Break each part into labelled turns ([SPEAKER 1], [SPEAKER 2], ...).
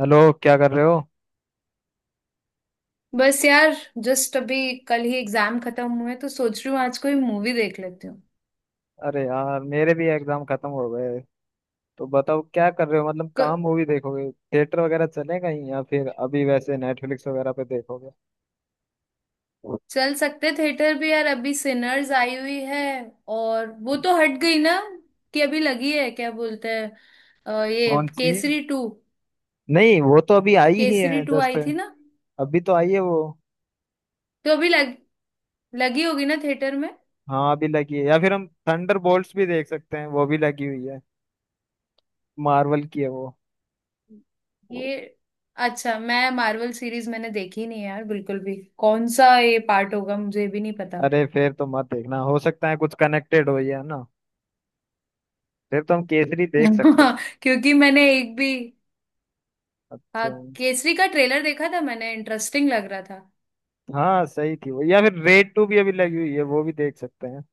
[SPEAKER 1] Hello. क्या कर रहे हो?
[SPEAKER 2] बस यार जस्ट अभी कल ही एग्जाम खत्म हुए तो सोच रही हूँ आज कोई मूवी देख लेती हूँ।
[SPEAKER 1] अरे यार, मेरे भी एग्जाम खत्म हो गए। तो बताओ क्या कर रहे हो? मतलब कहाँ
[SPEAKER 2] क-
[SPEAKER 1] मूवी देखोगे? थिएटर वगैरह चले कहीं या फिर अभी वैसे नेटफ्लिक्स वगैरह पे देखोगे?
[SPEAKER 2] चल सकते थिएटर भी यार, अभी सिनर्स आई हुई है। और वो तो हट गई ना? कि अभी लगी है क्या बोलते हैं ये
[SPEAKER 1] कौन सी?
[SPEAKER 2] केसरी टू।
[SPEAKER 1] नहीं वो तो अभी आई ही
[SPEAKER 2] केसरी
[SPEAKER 1] है
[SPEAKER 2] टू
[SPEAKER 1] जस्ट।
[SPEAKER 2] आई थी ना,
[SPEAKER 1] अभी तो आई है वो।
[SPEAKER 2] तो अभी लग लगी होगी ना थिएटर में।
[SPEAKER 1] हाँ अभी लगी है, या फिर हम थंडर भी देख सकते हैं, वो भी लगी हुई है। मार्वल की है वो।
[SPEAKER 2] ये अच्छा, मैं मार्वल सीरीज मैंने देखी नहीं है यार बिल्कुल भी, कौन सा ये पार्ट होगा मुझे भी नहीं पता।
[SPEAKER 1] अरे फिर तो मत देखना, हो सकता है कुछ कनेक्टेड हो या ना। फिर तो हम केसरी देख सकते हैं।
[SPEAKER 2] क्योंकि मैंने एक भी, हाँ,
[SPEAKER 1] अच्छा।
[SPEAKER 2] केसरी का ट्रेलर देखा था मैंने, इंटरेस्टिंग लग रहा था।
[SPEAKER 1] हाँ सही थी वो, या फिर रेड टू भी अभी लगी हुई है, वो भी देख सकते हैं।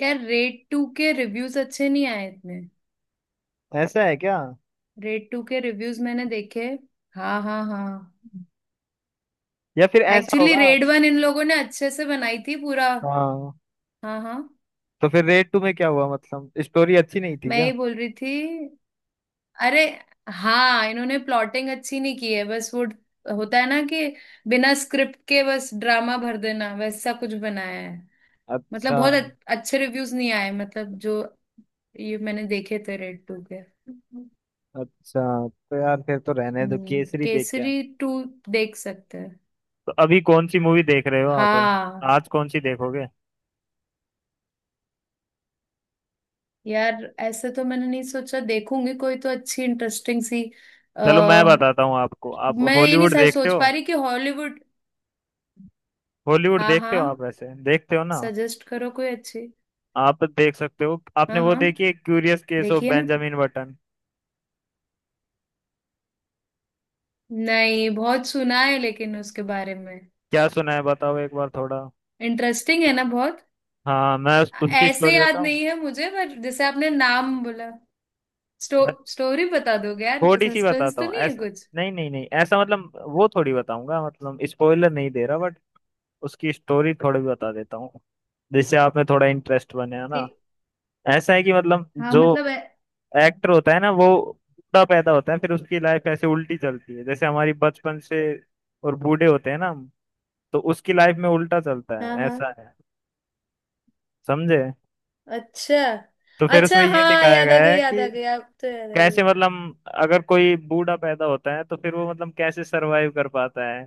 [SPEAKER 2] यार रेड टू के रिव्यूज अच्छे नहीं आए इतने।
[SPEAKER 1] ऐसा है क्या?
[SPEAKER 2] रेड टू के रिव्यूज मैंने देखे। हाँ हाँ हाँ।
[SPEAKER 1] या फिर ऐसा
[SPEAKER 2] एक्चुअली
[SPEAKER 1] होगा।
[SPEAKER 2] रेड वन इन लोगों ने अच्छे से बनाई थी पूरा।
[SPEAKER 1] हाँ।
[SPEAKER 2] हाँ हाँ।
[SPEAKER 1] तो फिर रेड टू में क्या हुआ? मतलब स्टोरी अच्छी नहीं थी
[SPEAKER 2] मैं
[SPEAKER 1] क्या?
[SPEAKER 2] ही बोल रही थी, अरे, हाँ इन्होंने प्लॉटिंग अच्छी नहीं की है, बस वो होता है ना कि बिना स्क्रिप्ट के बस ड्रामा भर देना, वैसा कुछ बनाया है। मतलब
[SPEAKER 1] अच्छा।
[SPEAKER 2] बहुत अच्छे रिव्यूज नहीं आए मतलब, जो ये मैंने देखे थे रेड टू के।
[SPEAKER 1] अच्छा तो यार फिर तो रहने दो, केसरी देख के आए।
[SPEAKER 2] केसरी टू देख सकते हैं।
[SPEAKER 1] तो अभी कौन सी मूवी देख रहे हो आप?
[SPEAKER 2] हाँ
[SPEAKER 1] आज कौन सी देखोगे?
[SPEAKER 2] यार, ऐसे तो मैंने नहीं सोचा, देखूंगी कोई तो अच्छी इंटरेस्टिंग सी।
[SPEAKER 1] चलो मैं
[SPEAKER 2] आ,
[SPEAKER 1] बताता हूँ आपको, आप
[SPEAKER 2] मैं ये नहीं
[SPEAKER 1] हॉलीवुड
[SPEAKER 2] सर
[SPEAKER 1] देखते
[SPEAKER 2] सोच
[SPEAKER 1] हो?
[SPEAKER 2] पा रही कि हॉलीवुड।
[SPEAKER 1] हॉलीवुड
[SPEAKER 2] हाँ
[SPEAKER 1] देखते हो आप
[SPEAKER 2] हाँ।
[SPEAKER 1] वैसे, देखते हो ना?
[SPEAKER 2] सजेस्ट करो कोई अच्छी।
[SPEAKER 1] आप देख सकते हो, आपने
[SPEAKER 2] हाँ
[SPEAKER 1] वो
[SPEAKER 2] हाँ,
[SPEAKER 1] देखी है क्यूरियस केस ऑफ
[SPEAKER 2] देखिए ना,
[SPEAKER 1] बेंजामिन बटन?
[SPEAKER 2] नहीं बहुत सुना है लेकिन उसके बारे में।
[SPEAKER 1] क्या सुना है बताओ एक बार थोड़ा।
[SPEAKER 2] इंटरेस्टिंग है ना बहुत।
[SPEAKER 1] हाँ मैं उसकी
[SPEAKER 2] ऐसे
[SPEAKER 1] स्टोरी
[SPEAKER 2] याद
[SPEAKER 1] बताऊं।
[SPEAKER 2] नहीं है मुझे, पर जैसे आपने नाम बोला, स्टोरी बता दोगे यार?
[SPEAKER 1] थोड़ी सी
[SPEAKER 2] सस्पेंस
[SPEAKER 1] बताता
[SPEAKER 2] तो
[SPEAKER 1] हूँ
[SPEAKER 2] नहीं है
[SPEAKER 1] ऐसा।
[SPEAKER 2] कुछ।
[SPEAKER 1] नहीं नहीं नहीं, ऐसा मतलब वो थोड़ी बताऊंगा, मतलब स्पॉइलर नहीं दे रहा बट उसकी स्टोरी थोड़ी बता देता हूँ, जिससे आप में थोड़ा इंटरेस्ट बने, है ना?
[SPEAKER 2] ठीक।
[SPEAKER 1] ऐसा है कि मतलब
[SPEAKER 2] हाँ
[SPEAKER 1] जो
[SPEAKER 2] मतलब है।
[SPEAKER 1] एक्टर होता है ना वो, बूढ़ा पैदा होता है, फिर उसकी लाइफ ऐसे उल्टी चलती है, जैसे हमारी बचपन से और बूढ़े होते हैं ना हम, तो उसकी लाइफ में उल्टा चलता
[SPEAKER 2] हाँ
[SPEAKER 1] है, ऐसा
[SPEAKER 2] हाँ।
[SPEAKER 1] है। समझे?
[SPEAKER 2] अच्छा
[SPEAKER 1] तो फिर
[SPEAKER 2] अच्छा।
[SPEAKER 1] उसमें ये
[SPEAKER 2] हाँ
[SPEAKER 1] दिखाया
[SPEAKER 2] याद आ
[SPEAKER 1] गया
[SPEAKER 2] गई,
[SPEAKER 1] है
[SPEAKER 2] याद
[SPEAKER 1] कि
[SPEAKER 2] आ गई, अब तो याद आ गई।
[SPEAKER 1] कैसे मतलब अगर कोई बूढ़ा पैदा होता है तो फिर वो मतलब कैसे सरवाइव कर पाता है,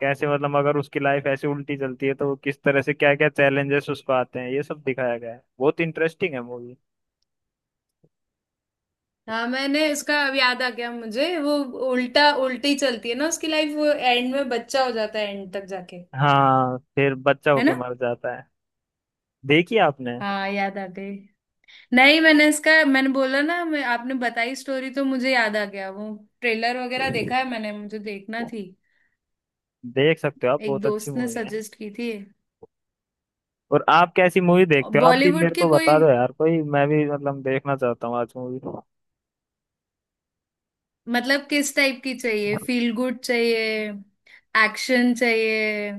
[SPEAKER 1] कैसे मतलब अगर उसकी लाइफ ऐसे उल्टी चलती है तो वो किस तरह से क्या क्या चैलेंजेस उसको आते हैं, ये सब दिखाया गया है। बहुत इंटरेस्टिंग है मूवी।
[SPEAKER 2] हाँ मैंने उसका अब याद आ गया मुझे, वो उल्टा उल्टी चलती है ना उसकी लाइफ, वो एंड में बच्चा हो जाता है एंड तक जाके।
[SPEAKER 1] हाँ फिर बच्चा
[SPEAKER 2] है
[SPEAKER 1] होके
[SPEAKER 2] ना।
[SPEAKER 1] मर जाता है। देखिए आपने।
[SPEAKER 2] हाँ याद आ गई। नहीं मैंने इसका, मैंने बोला ना, मैं आपने बताई स्टोरी तो मुझे याद आ गया वो, ट्रेलर वगैरह देखा है मैंने, मुझे देखना थी,
[SPEAKER 1] देख सकते हो आप,
[SPEAKER 2] एक
[SPEAKER 1] बहुत अच्छी
[SPEAKER 2] दोस्त ने
[SPEAKER 1] मूवी है।
[SPEAKER 2] सजेस्ट की थी।
[SPEAKER 1] और आप कैसी मूवी देखते हो? आप भी
[SPEAKER 2] बॉलीवुड
[SPEAKER 1] मेरे
[SPEAKER 2] की
[SPEAKER 1] को बता
[SPEAKER 2] कोई?
[SPEAKER 1] दो यार कोई, मैं भी मतलब देखना चाहता हूँ आज मूवी।
[SPEAKER 2] मतलब किस टाइप की चाहिए, फील गुड चाहिए, एक्शन चाहिए,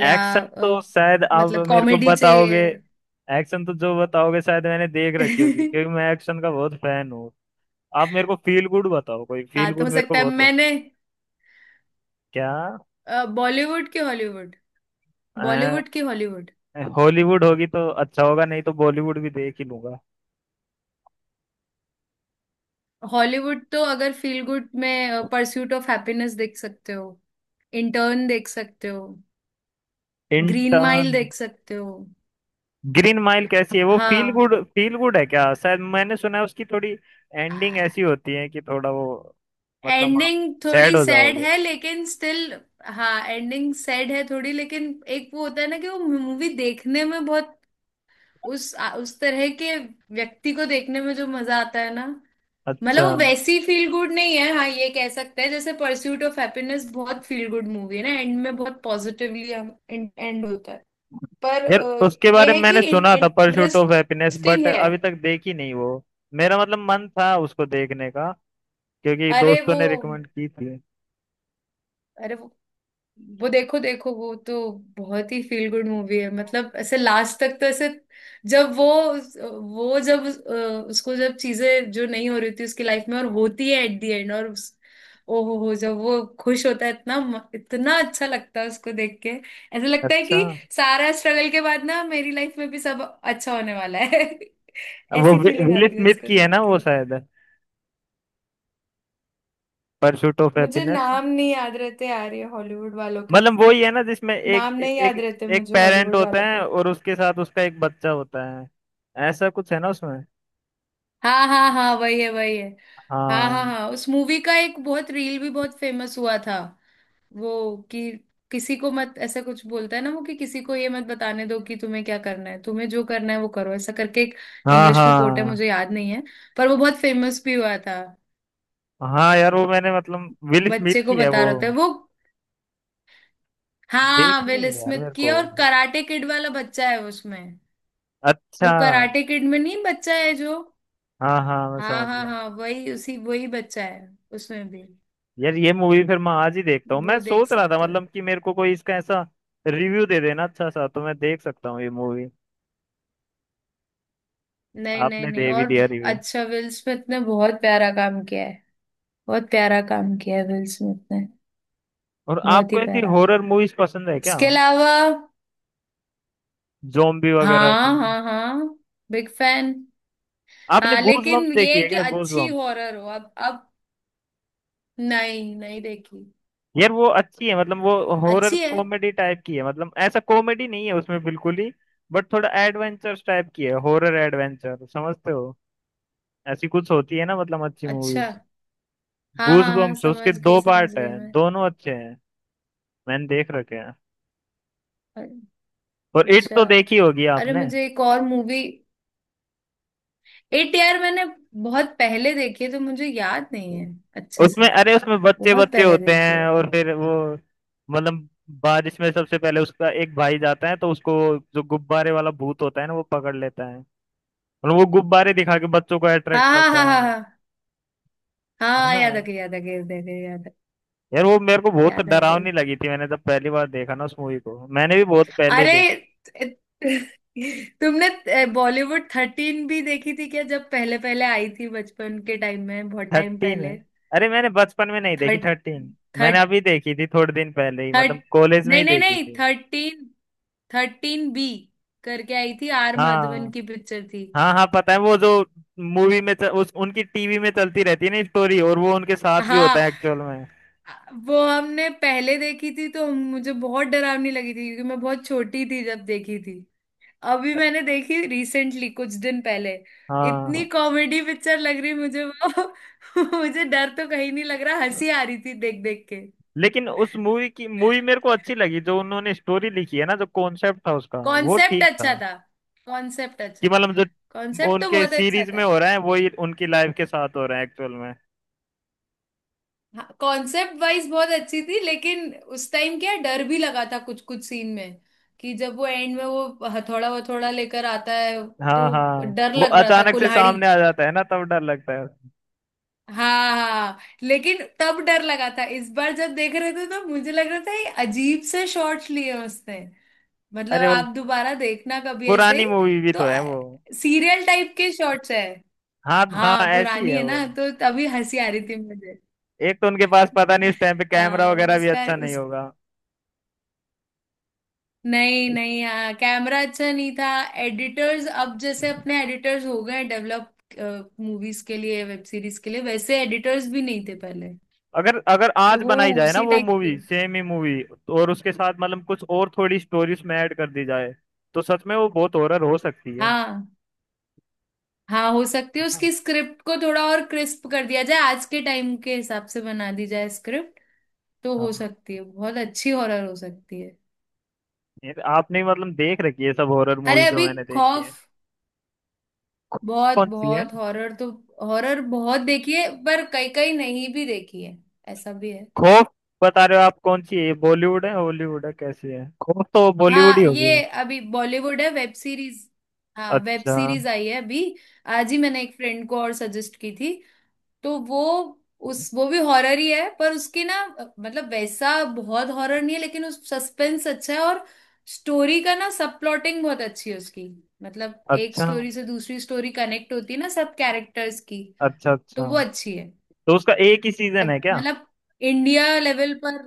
[SPEAKER 2] या
[SPEAKER 1] एक्शन
[SPEAKER 2] अ,
[SPEAKER 1] तो शायद आप
[SPEAKER 2] मतलब
[SPEAKER 1] मेरे को
[SPEAKER 2] कॉमेडी
[SPEAKER 1] बताओगे।
[SPEAKER 2] चाहिए?
[SPEAKER 1] एक्शन तो जो बताओगे शायद मैंने देख रखी होगी, क्योंकि मैं एक्शन का बहुत फैन हूँ। आप मेरे को फील गुड बताओ, कोई फील
[SPEAKER 2] हाँ तो हो
[SPEAKER 1] गुड मेरे को
[SPEAKER 2] सकता है
[SPEAKER 1] बहुत पसंद।
[SPEAKER 2] मैंने,
[SPEAKER 1] क्या?
[SPEAKER 2] बॉलीवुड की हॉलीवुड
[SPEAKER 1] अ,
[SPEAKER 2] बॉलीवुड की हॉलीवुड।
[SPEAKER 1] हॉलीवुड होगी तो अच्छा होगा, नहीं तो बॉलीवुड भी देख ही लूंगा।
[SPEAKER 2] हॉलीवुड तो अगर फील गुड में परस्यूट ऑफ हैप्पीनेस देख सकते हो, इंटर्न देख सकते हो, ग्रीन माइल
[SPEAKER 1] इंटर्न।
[SPEAKER 2] देख सकते हो।
[SPEAKER 1] ग्रीन माइल कैसी है वो? फील
[SPEAKER 2] हाँ
[SPEAKER 1] गुड, फील गुड है क्या? शायद मैंने सुना है उसकी थोड़ी एंडिंग ऐसी होती है कि थोड़ा वो, मतलब आप
[SPEAKER 2] एंडिंग
[SPEAKER 1] सैड
[SPEAKER 2] थोड़ी
[SPEAKER 1] हो
[SPEAKER 2] सैड
[SPEAKER 1] जाओगे।
[SPEAKER 2] है लेकिन स्टिल। हाँ एंडिंग सैड है थोड़ी, लेकिन एक वो होता है ना कि वो मूवी देखने में बहुत उस तरह के व्यक्ति को देखने में जो मजा आता है ना। मतलब
[SPEAKER 1] अच्छा।
[SPEAKER 2] वो वैसी फील गुड नहीं है, हाँ ये कह सकते हैं, जैसे परस्यूट ऑफ हैप्पीनेस बहुत फील गुड मूवी है ना, एंड में बहुत पॉजिटिवली एंड होता है। पर
[SPEAKER 1] यार उसके
[SPEAKER 2] ये
[SPEAKER 1] बारे
[SPEAKER 2] है
[SPEAKER 1] में
[SPEAKER 2] कि
[SPEAKER 1] मैंने सुना था Pursuit of Happiness,
[SPEAKER 2] interesting
[SPEAKER 1] but
[SPEAKER 2] है।
[SPEAKER 1] अभी तक देखी नहीं वो। मेरा मतलब मन था उसको देखने का, क्योंकि
[SPEAKER 2] अरे
[SPEAKER 1] दोस्तों
[SPEAKER 2] वो
[SPEAKER 1] ने रिकमेंड की थी।
[SPEAKER 2] अरे वो देखो देखो, वो तो बहुत ही फील गुड मूवी है, मतलब ऐसे लास्ट तक तो ऐसे, जब वो जब उस- अ, उसको जब चीजें जो नहीं हो रही थी उसकी लाइफ में और होती है एट दी एंड, ओ हो, जब वो खुश होता है इतना, इतना अच्छा लगता है उसको देख के, ऐसा लगता है
[SPEAKER 1] अच्छा।
[SPEAKER 2] कि सारा स्ट्रगल के बाद ना मेरी लाइफ में भी सब अच्छा होने वाला है।
[SPEAKER 1] वो
[SPEAKER 2] ऐसी फीलिंग
[SPEAKER 1] विल
[SPEAKER 2] आती है
[SPEAKER 1] स्मिथ
[SPEAKER 2] उसको
[SPEAKER 1] की है
[SPEAKER 2] देख
[SPEAKER 1] ना वो
[SPEAKER 2] के।
[SPEAKER 1] शायद, परस्यूट ऑफ
[SPEAKER 2] मुझे
[SPEAKER 1] हैप्पीनेस।
[SPEAKER 2] नाम नहीं याद रहते यार ये हॉलीवुड वालों के।
[SPEAKER 1] मतलब वही है ना जिसमें एक,
[SPEAKER 2] नाम नहीं
[SPEAKER 1] एक
[SPEAKER 2] याद रहते
[SPEAKER 1] एक
[SPEAKER 2] मुझे
[SPEAKER 1] पेरेंट
[SPEAKER 2] हॉलीवुड
[SPEAKER 1] होता
[SPEAKER 2] वालों के।
[SPEAKER 1] है और उसके साथ उसका एक बच्चा होता है, ऐसा कुछ है ना उसमें?
[SPEAKER 2] हाँ हाँ हाँ, वही है वही है। हाँ हाँ
[SPEAKER 1] हाँ
[SPEAKER 2] हाँ, उस मूवी का एक बहुत रील भी बहुत फेमस हुआ था। वो कि किसी को मत, ऐसा कुछ बोलता है ना वो, कि किसी को ये मत बताने दो कि तुम्हें क्या करना है, तुम्हें जो करना है वो करो, ऐसा करके एक
[SPEAKER 1] हाँ
[SPEAKER 2] इंग्लिश में कोट है,
[SPEAKER 1] हाँ
[SPEAKER 2] मुझे याद नहीं है, पर वो बहुत फेमस भी हुआ था।
[SPEAKER 1] हाँ। यार वो मैंने मतलब विल
[SPEAKER 2] बच्चे
[SPEAKER 1] स्मिथ
[SPEAKER 2] को
[SPEAKER 1] की है
[SPEAKER 2] बता
[SPEAKER 1] वो,
[SPEAKER 2] रहे थे वो। हाँ
[SPEAKER 1] देखनी
[SPEAKER 2] विल
[SPEAKER 1] है यार
[SPEAKER 2] स्मिथ
[SPEAKER 1] मेरे
[SPEAKER 2] की
[SPEAKER 1] को।
[SPEAKER 2] है, और कराटे किड वाला बच्चा है उसमें। वो
[SPEAKER 1] अच्छा।
[SPEAKER 2] कराटे किड में नहीं, बच्चा है जो।
[SPEAKER 1] हाँ हाँ मैं
[SPEAKER 2] हाँ
[SPEAKER 1] समझ
[SPEAKER 2] हाँ
[SPEAKER 1] गया।
[SPEAKER 2] हाँ, वही बच्चा है उसमें भी।
[SPEAKER 1] यार ये मूवी फिर मैं आज ही देखता हूँ, मैं
[SPEAKER 2] वो देख
[SPEAKER 1] सोच रहा था
[SPEAKER 2] सकते हो।
[SPEAKER 1] मतलब कि मेरे को कोई इसका ऐसा रिव्यू दे देना अच्छा सा, तो मैं देख सकता हूँ ये मूवी।
[SPEAKER 2] नहीं नहीं
[SPEAKER 1] आपने
[SPEAKER 2] नहीं,
[SPEAKER 1] दे भी
[SPEAKER 2] और
[SPEAKER 1] दिया रिव्यू।
[SPEAKER 2] अच्छा विल स्मिथ ने बहुत प्यारा काम किया है, बहुत प्यारा काम किया है विल स्मिथ ने,
[SPEAKER 1] और
[SPEAKER 2] बहुत ही
[SPEAKER 1] आपको ऐसी
[SPEAKER 2] प्यारा।
[SPEAKER 1] हॉरर मूवीज पसंद है क्या?
[SPEAKER 2] इसके अलावा
[SPEAKER 1] जोम्बी वगैरह
[SPEAKER 2] हाँ
[SPEAKER 1] की?
[SPEAKER 2] हाँ हाँ, बिग फैन।
[SPEAKER 1] आपने
[SPEAKER 2] हाँ
[SPEAKER 1] गूज बम्प्स
[SPEAKER 2] लेकिन ये
[SPEAKER 1] देखी
[SPEAKER 2] है
[SPEAKER 1] है
[SPEAKER 2] कि
[SPEAKER 1] क्या, गूज
[SPEAKER 2] अच्छी
[SPEAKER 1] बम्प्स?
[SPEAKER 2] हॉरर हो, अब नहीं नहीं देखी।
[SPEAKER 1] यार वो अच्छी है, मतलब वो हॉरर
[SPEAKER 2] अच्छी है।
[SPEAKER 1] कॉमेडी टाइप की है, मतलब ऐसा कॉमेडी नहीं है उसमें बिल्कुल ही, बट थोड़ा एडवेंचर टाइप की है। हॉरर एडवेंचर समझते हो? ऐसी कुछ होती है ना, मतलब अच्छी
[SPEAKER 2] अच्छा।
[SPEAKER 1] मूवीज।
[SPEAKER 2] हाँ हाँ हाँ,
[SPEAKER 1] गूजबम्प्स उसके दो
[SPEAKER 2] समझ
[SPEAKER 1] पार्ट है,
[SPEAKER 2] गई मैं।
[SPEAKER 1] दोनों अच्छे हैं, मैंने देख रखे हैं।
[SPEAKER 2] अ-
[SPEAKER 1] और इट
[SPEAKER 2] अच्छा,
[SPEAKER 1] तो देखी होगी
[SPEAKER 2] अरे
[SPEAKER 1] आपने?
[SPEAKER 2] मुझे एक और मूवी, एट यार मैंने बहुत पहले देखी है तो मुझे याद नहीं है अच्छे से,
[SPEAKER 1] उसमें अरे उसमें बच्चे
[SPEAKER 2] बहुत
[SPEAKER 1] बच्चे
[SPEAKER 2] पहले
[SPEAKER 1] होते
[SPEAKER 2] देखी
[SPEAKER 1] हैं
[SPEAKER 2] है।
[SPEAKER 1] और फिर वो मतलब, बारिश में सबसे पहले उसका एक भाई जाता है तो उसको जो गुब्बारे वाला भूत होता है ना वो पकड़ लेता है, और वो गुब्बारे दिखा के बच्चों को
[SPEAKER 2] हाँ
[SPEAKER 1] अट्रैक्ट
[SPEAKER 2] हाँ
[SPEAKER 1] करता
[SPEAKER 2] हाँ हाँ
[SPEAKER 1] है
[SPEAKER 2] हाँ,
[SPEAKER 1] है
[SPEAKER 2] हाँ
[SPEAKER 1] ना?
[SPEAKER 2] याद आ गई, याद आ गई, याद आ गई,
[SPEAKER 1] यार वो मेरे को बहुत
[SPEAKER 2] याद आ गई।
[SPEAKER 1] डरावनी लगी थी, मैंने जब पहली बार देखा ना उस मूवी को, मैंने भी बहुत पहले।
[SPEAKER 2] अरे, तुमने बॉलीवुड थर्टीन भी देखी थी क्या? जब पहले पहले आई थी बचपन के टाइम में, बहुत टाइम
[SPEAKER 1] थर्टीन है?
[SPEAKER 2] पहले।
[SPEAKER 1] अरे मैंने बचपन में नहीं देखी
[SPEAKER 2] थर्ट
[SPEAKER 1] थर्टीन, मैंने
[SPEAKER 2] थर्ट
[SPEAKER 1] अभी देखी थी थोड़े दिन पहले ही,
[SPEAKER 2] थर्ट
[SPEAKER 1] मतलब कॉलेज में
[SPEAKER 2] नहीं
[SPEAKER 1] ही
[SPEAKER 2] नहीं
[SPEAKER 1] देखी
[SPEAKER 2] नहीं,
[SPEAKER 1] थी।
[SPEAKER 2] थर्टीन, थर्टीन बी करके आई थी, आर माधवन
[SPEAKER 1] हाँ
[SPEAKER 2] की पिक्चर थी।
[SPEAKER 1] हाँ हाँ पता है वो जो मूवी में उस उनकी टीवी में चलती रहती है ना स्टोरी, और वो उनके साथ भी होता
[SPEAKER 2] हाँ
[SPEAKER 1] है एक्चुअल में।
[SPEAKER 2] वो हमने पहले देखी थी तो मुझे बहुत डरावनी लगी थी क्योंकि मैं बहुत छोटी थी जब देखी थी। अभी मैंने देखी रिसेंटली कुछ दिन पहले, इतनी
[SPEAKER 1] हाँ
[SPEAKER 2] कॉमेडी पिक्चर लग रही मुझे वो। मुझे डर तो कहीं नहीं लग रहा, हंसी आ रही थी देख देख के।
[SPEAKER 1] लेकिन उस मूवी की, मूवी मेरे को अच्छी लगी, जो उन्होंने स्टोरी लिखी है ना, जो कॉन्सेप्ट था उसका वो
[SPEAKER 2] कॉन्सेप्ट
[SPEAKER 1] ठीक था,
[SPEAKER 2] अच्छा था। कॉन्सेप्ट
[SPEAKER 1] कि
[SPEAKER 2] अच्छा था।
[SPEAKER 1] मतलब जो
[SPEAKER 2] कॉन्सेप्ट तो
[SPEAKER 1] उनके
[SPEAKER 2] बहुत अच्छा
[SPEAKER 1] सीरीज
[SPEAKER 2] था।
[SPEAKER 1] में हो रहा है वही उनकी लाइफ के साथ हो रहा है एक्चुअल में।
[SPEAKER 2] हाँ कॉन्सेप्ट वाइज बहुत अच्छी थी, लेकिन उस टाइम क्या डर भी लगा था कुछ कुछ सीन में, कि जब वो एंड में वो हथौड़ा वथौड़ा लेकर आता है, तो
[SPEAKER 1] हाँ हाँ।
[SPEAKER 2] डर
[SPEAKER 1] वो
[SPEAKER 2] लग रहा था,
[SPEAKER 1] अचानक से
[SPEAKER 2] कुल्हाड़ी।
[SPEAKER 1] सामने आ जाता है ना, तब डर लगता है।
[SPEAKER 2] हाँ हाँ, लेकिन तब डर लगा था, इस बार जब देख रहे थे तो मुझे लग रहा था ये अजीब से शॉर्ट्स लिए हैं उसने। मतलब
[SPEAKER 1] अरे वो
[SPEAKER 2] आप दोबारा देखना कभी ऐसे
[SPEAKER 1] पुरानी
[SPEAKER 2] ही
[SPEAKER 1] मूवी भी तो
[SPEAKER 2] तो,
[SPEAKER 1] है वो।
[SPEAKER 2] सीरियल टाइप के शॉर्ट्स है।
[SPEAKER 1] हाँ हाँ
[SPEAKER 2] हाँ
[SPEAKER 1] ऐसी
[SPEAKER 2] पुरानी
[SPEAKER 1] है
[SPEAKER 2] है
[SPEAKER 1] वो।
[SPEAKER 2] ना तो तभी हंसी आ रही थी मुझे।
[SPEAKER 1] एक तो उनके पास पता नहीं उस टाइम पे कैमरा वगैरह भी
[SPEAKER 2] उसका
[SPEAKER 1] अच्छा नहीं
[SPEAKER 2] उस
[SPEAKER 1] होगा।
[SPEAKER 2] नहीं नहीं, हाँ, कैमरा अच्छा नहीं था, एडिटर्स अब जैसे अपने एडिटर्स हो गए डेवलप, मूवीज के लिए, वेब सीरीज के लिए, वैसे एडिटर्स भी नहीं थे पहले।
[SPEAKER 1] अगर अगर
[SPEAKER 2] तो
[SPEAKER 1] आज
[SPEAKER 2] वो
[SPEAKER 1] बनाई जाए ना
[SPEAKER 2] उसी
[SPEAKER 1] वो
[SPEAKER 2] टाइप की।
[SPEAKER 1] मूवी, सेम ही मूवी, और उसके साथ मतलब कुछ और थोड़ी स्टोरी उसमें ऐड कर दी जाए, तो सच में वो बहुत हॉरर हो सकती है।
[SPEAKER 2] हाँ हाँ, हो सकती है,
[SPEAKER 1] हाँ।
[SPEAKER 2] उसकी स्क्रिप्ट को थोड़ा और क्रिस्प कर दिया जाए, आज के टाइम के हिसाब से बना दी जाए स्क्रिप्ट तो हो
[SPEAKER 1] हाँ।
[SPEAKER 2] सकती है, बहुत अच्छी हॉरर हो सकती है।
[SPEAKER 1] ये तो आपने मतलब देख रखी है सब हॉरर
[SPEAKER 2] अरे
[SPEAKER 1] मूवीज जो
[SPEAKER 2] अभी
[SPEAKER 1] मैंने देखी है।
[SPEAKER 2] खौफ, बहुत
[SPEAKER 1] कौन सी है?
[SPEAKER 2] बहुत हॉरर तो, हॉरर बहुत देखी है पर कई कई नहीं भी देखी है, ऐसा भी है।
[SPEAKER 1] खौफ बता रहे हो, आप कौन सी है? बॉलीवुड है हॉलीवुड है कैसी है? खौफ तो बॉलीवुड ही
[SPEAKER 2] हाँ
[SPEAKER 1] होगी।
[SPEAKER 2] ये अभी बॉलीवुड है वेब सीरीज। हाँ वेब
[SPEAKER 1] अच्छा।
[SPEAKER 2] सीरीज आई है अभी। आज ही मैंने एक फ्रेंड को और सजेस्ट की थी, तो वो, उस वो भी हॉरर ही है पर उसकी ना, मतलब वैसा बहुत हॉरर नहीं है, लेकिन उस सस्पेंस अच्छा है, और स्टोरी का ना सब प्लॉटिंग बहुत अच्छी है उसकी, मतलब एक
[SPEAKER 1] अच्छा
[SPEAKER 2] स्टोरी से दूसरी स्टोरी कनेक्ट होती है ना सब कैरेक्टर्स की।
[SPEAKER 1] अच्छा।
[SPEAKER 2] तो
[SPEAKER 1] अच्छा
[SPEAKER 2] वो अच्छी है।
[SPEAKER 1] तो उसका एक ही
[SPEAKER 2] अ-
[SPEAKER 1] सीजन है क्या?
[SPEAKER 2] मतलब इंडिया लेवल पर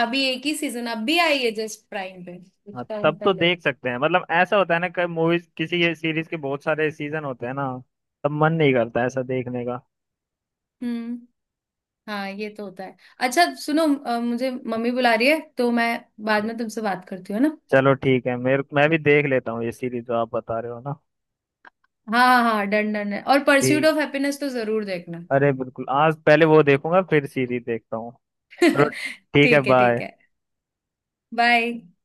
[SPEAKER 2] अभी एक ही सीजन, अब भी आई है जस्ट प्राइम पे
[SPEAKER 1] हाँ
[SPEAKER 2] कुछ टाइम
[SPEAKER 1] तब तो
[SPEAKER 2] पहले।
[SPEAKER 1] देख सकते हैं, मतलब ऐसा होता है ना कई मूवीज किसी सीरीज के बहुत सारे सीजन होते हैं ना, तब मन नहीं करता ऐसा देखने का।
[SPEAKER 2] हम्म, हाँ ये तो होता है। अच्छा सुनो, मुझे मम्मी बुला रही है तो मैं बाद में तुमसे बात करती हूँ, है ना?
[SPEAKER 1] चलो ठीक है, मेरे मैं भी देख लेता हूँ ये सीरीज जो आप बता रहे हो ना।
[SPEAKER 2] हाँ हाँ, डन डन है। और परस्यूट
[SPEAKER 1] ठीक।
[SPEAKER 2] ऑफ हैप्पीनेस तो जरूर देखना।
[SPEAKER 1] अरे बिल्कुल, आज पहले वो देखूंगा फिर सीरीज देखता हूँ। चलो, ठीक है,
[SPEAKER 2] ठीक है ठीक
[SPEAKER 1] बाय।
[SPEAKER 2] है, बाय।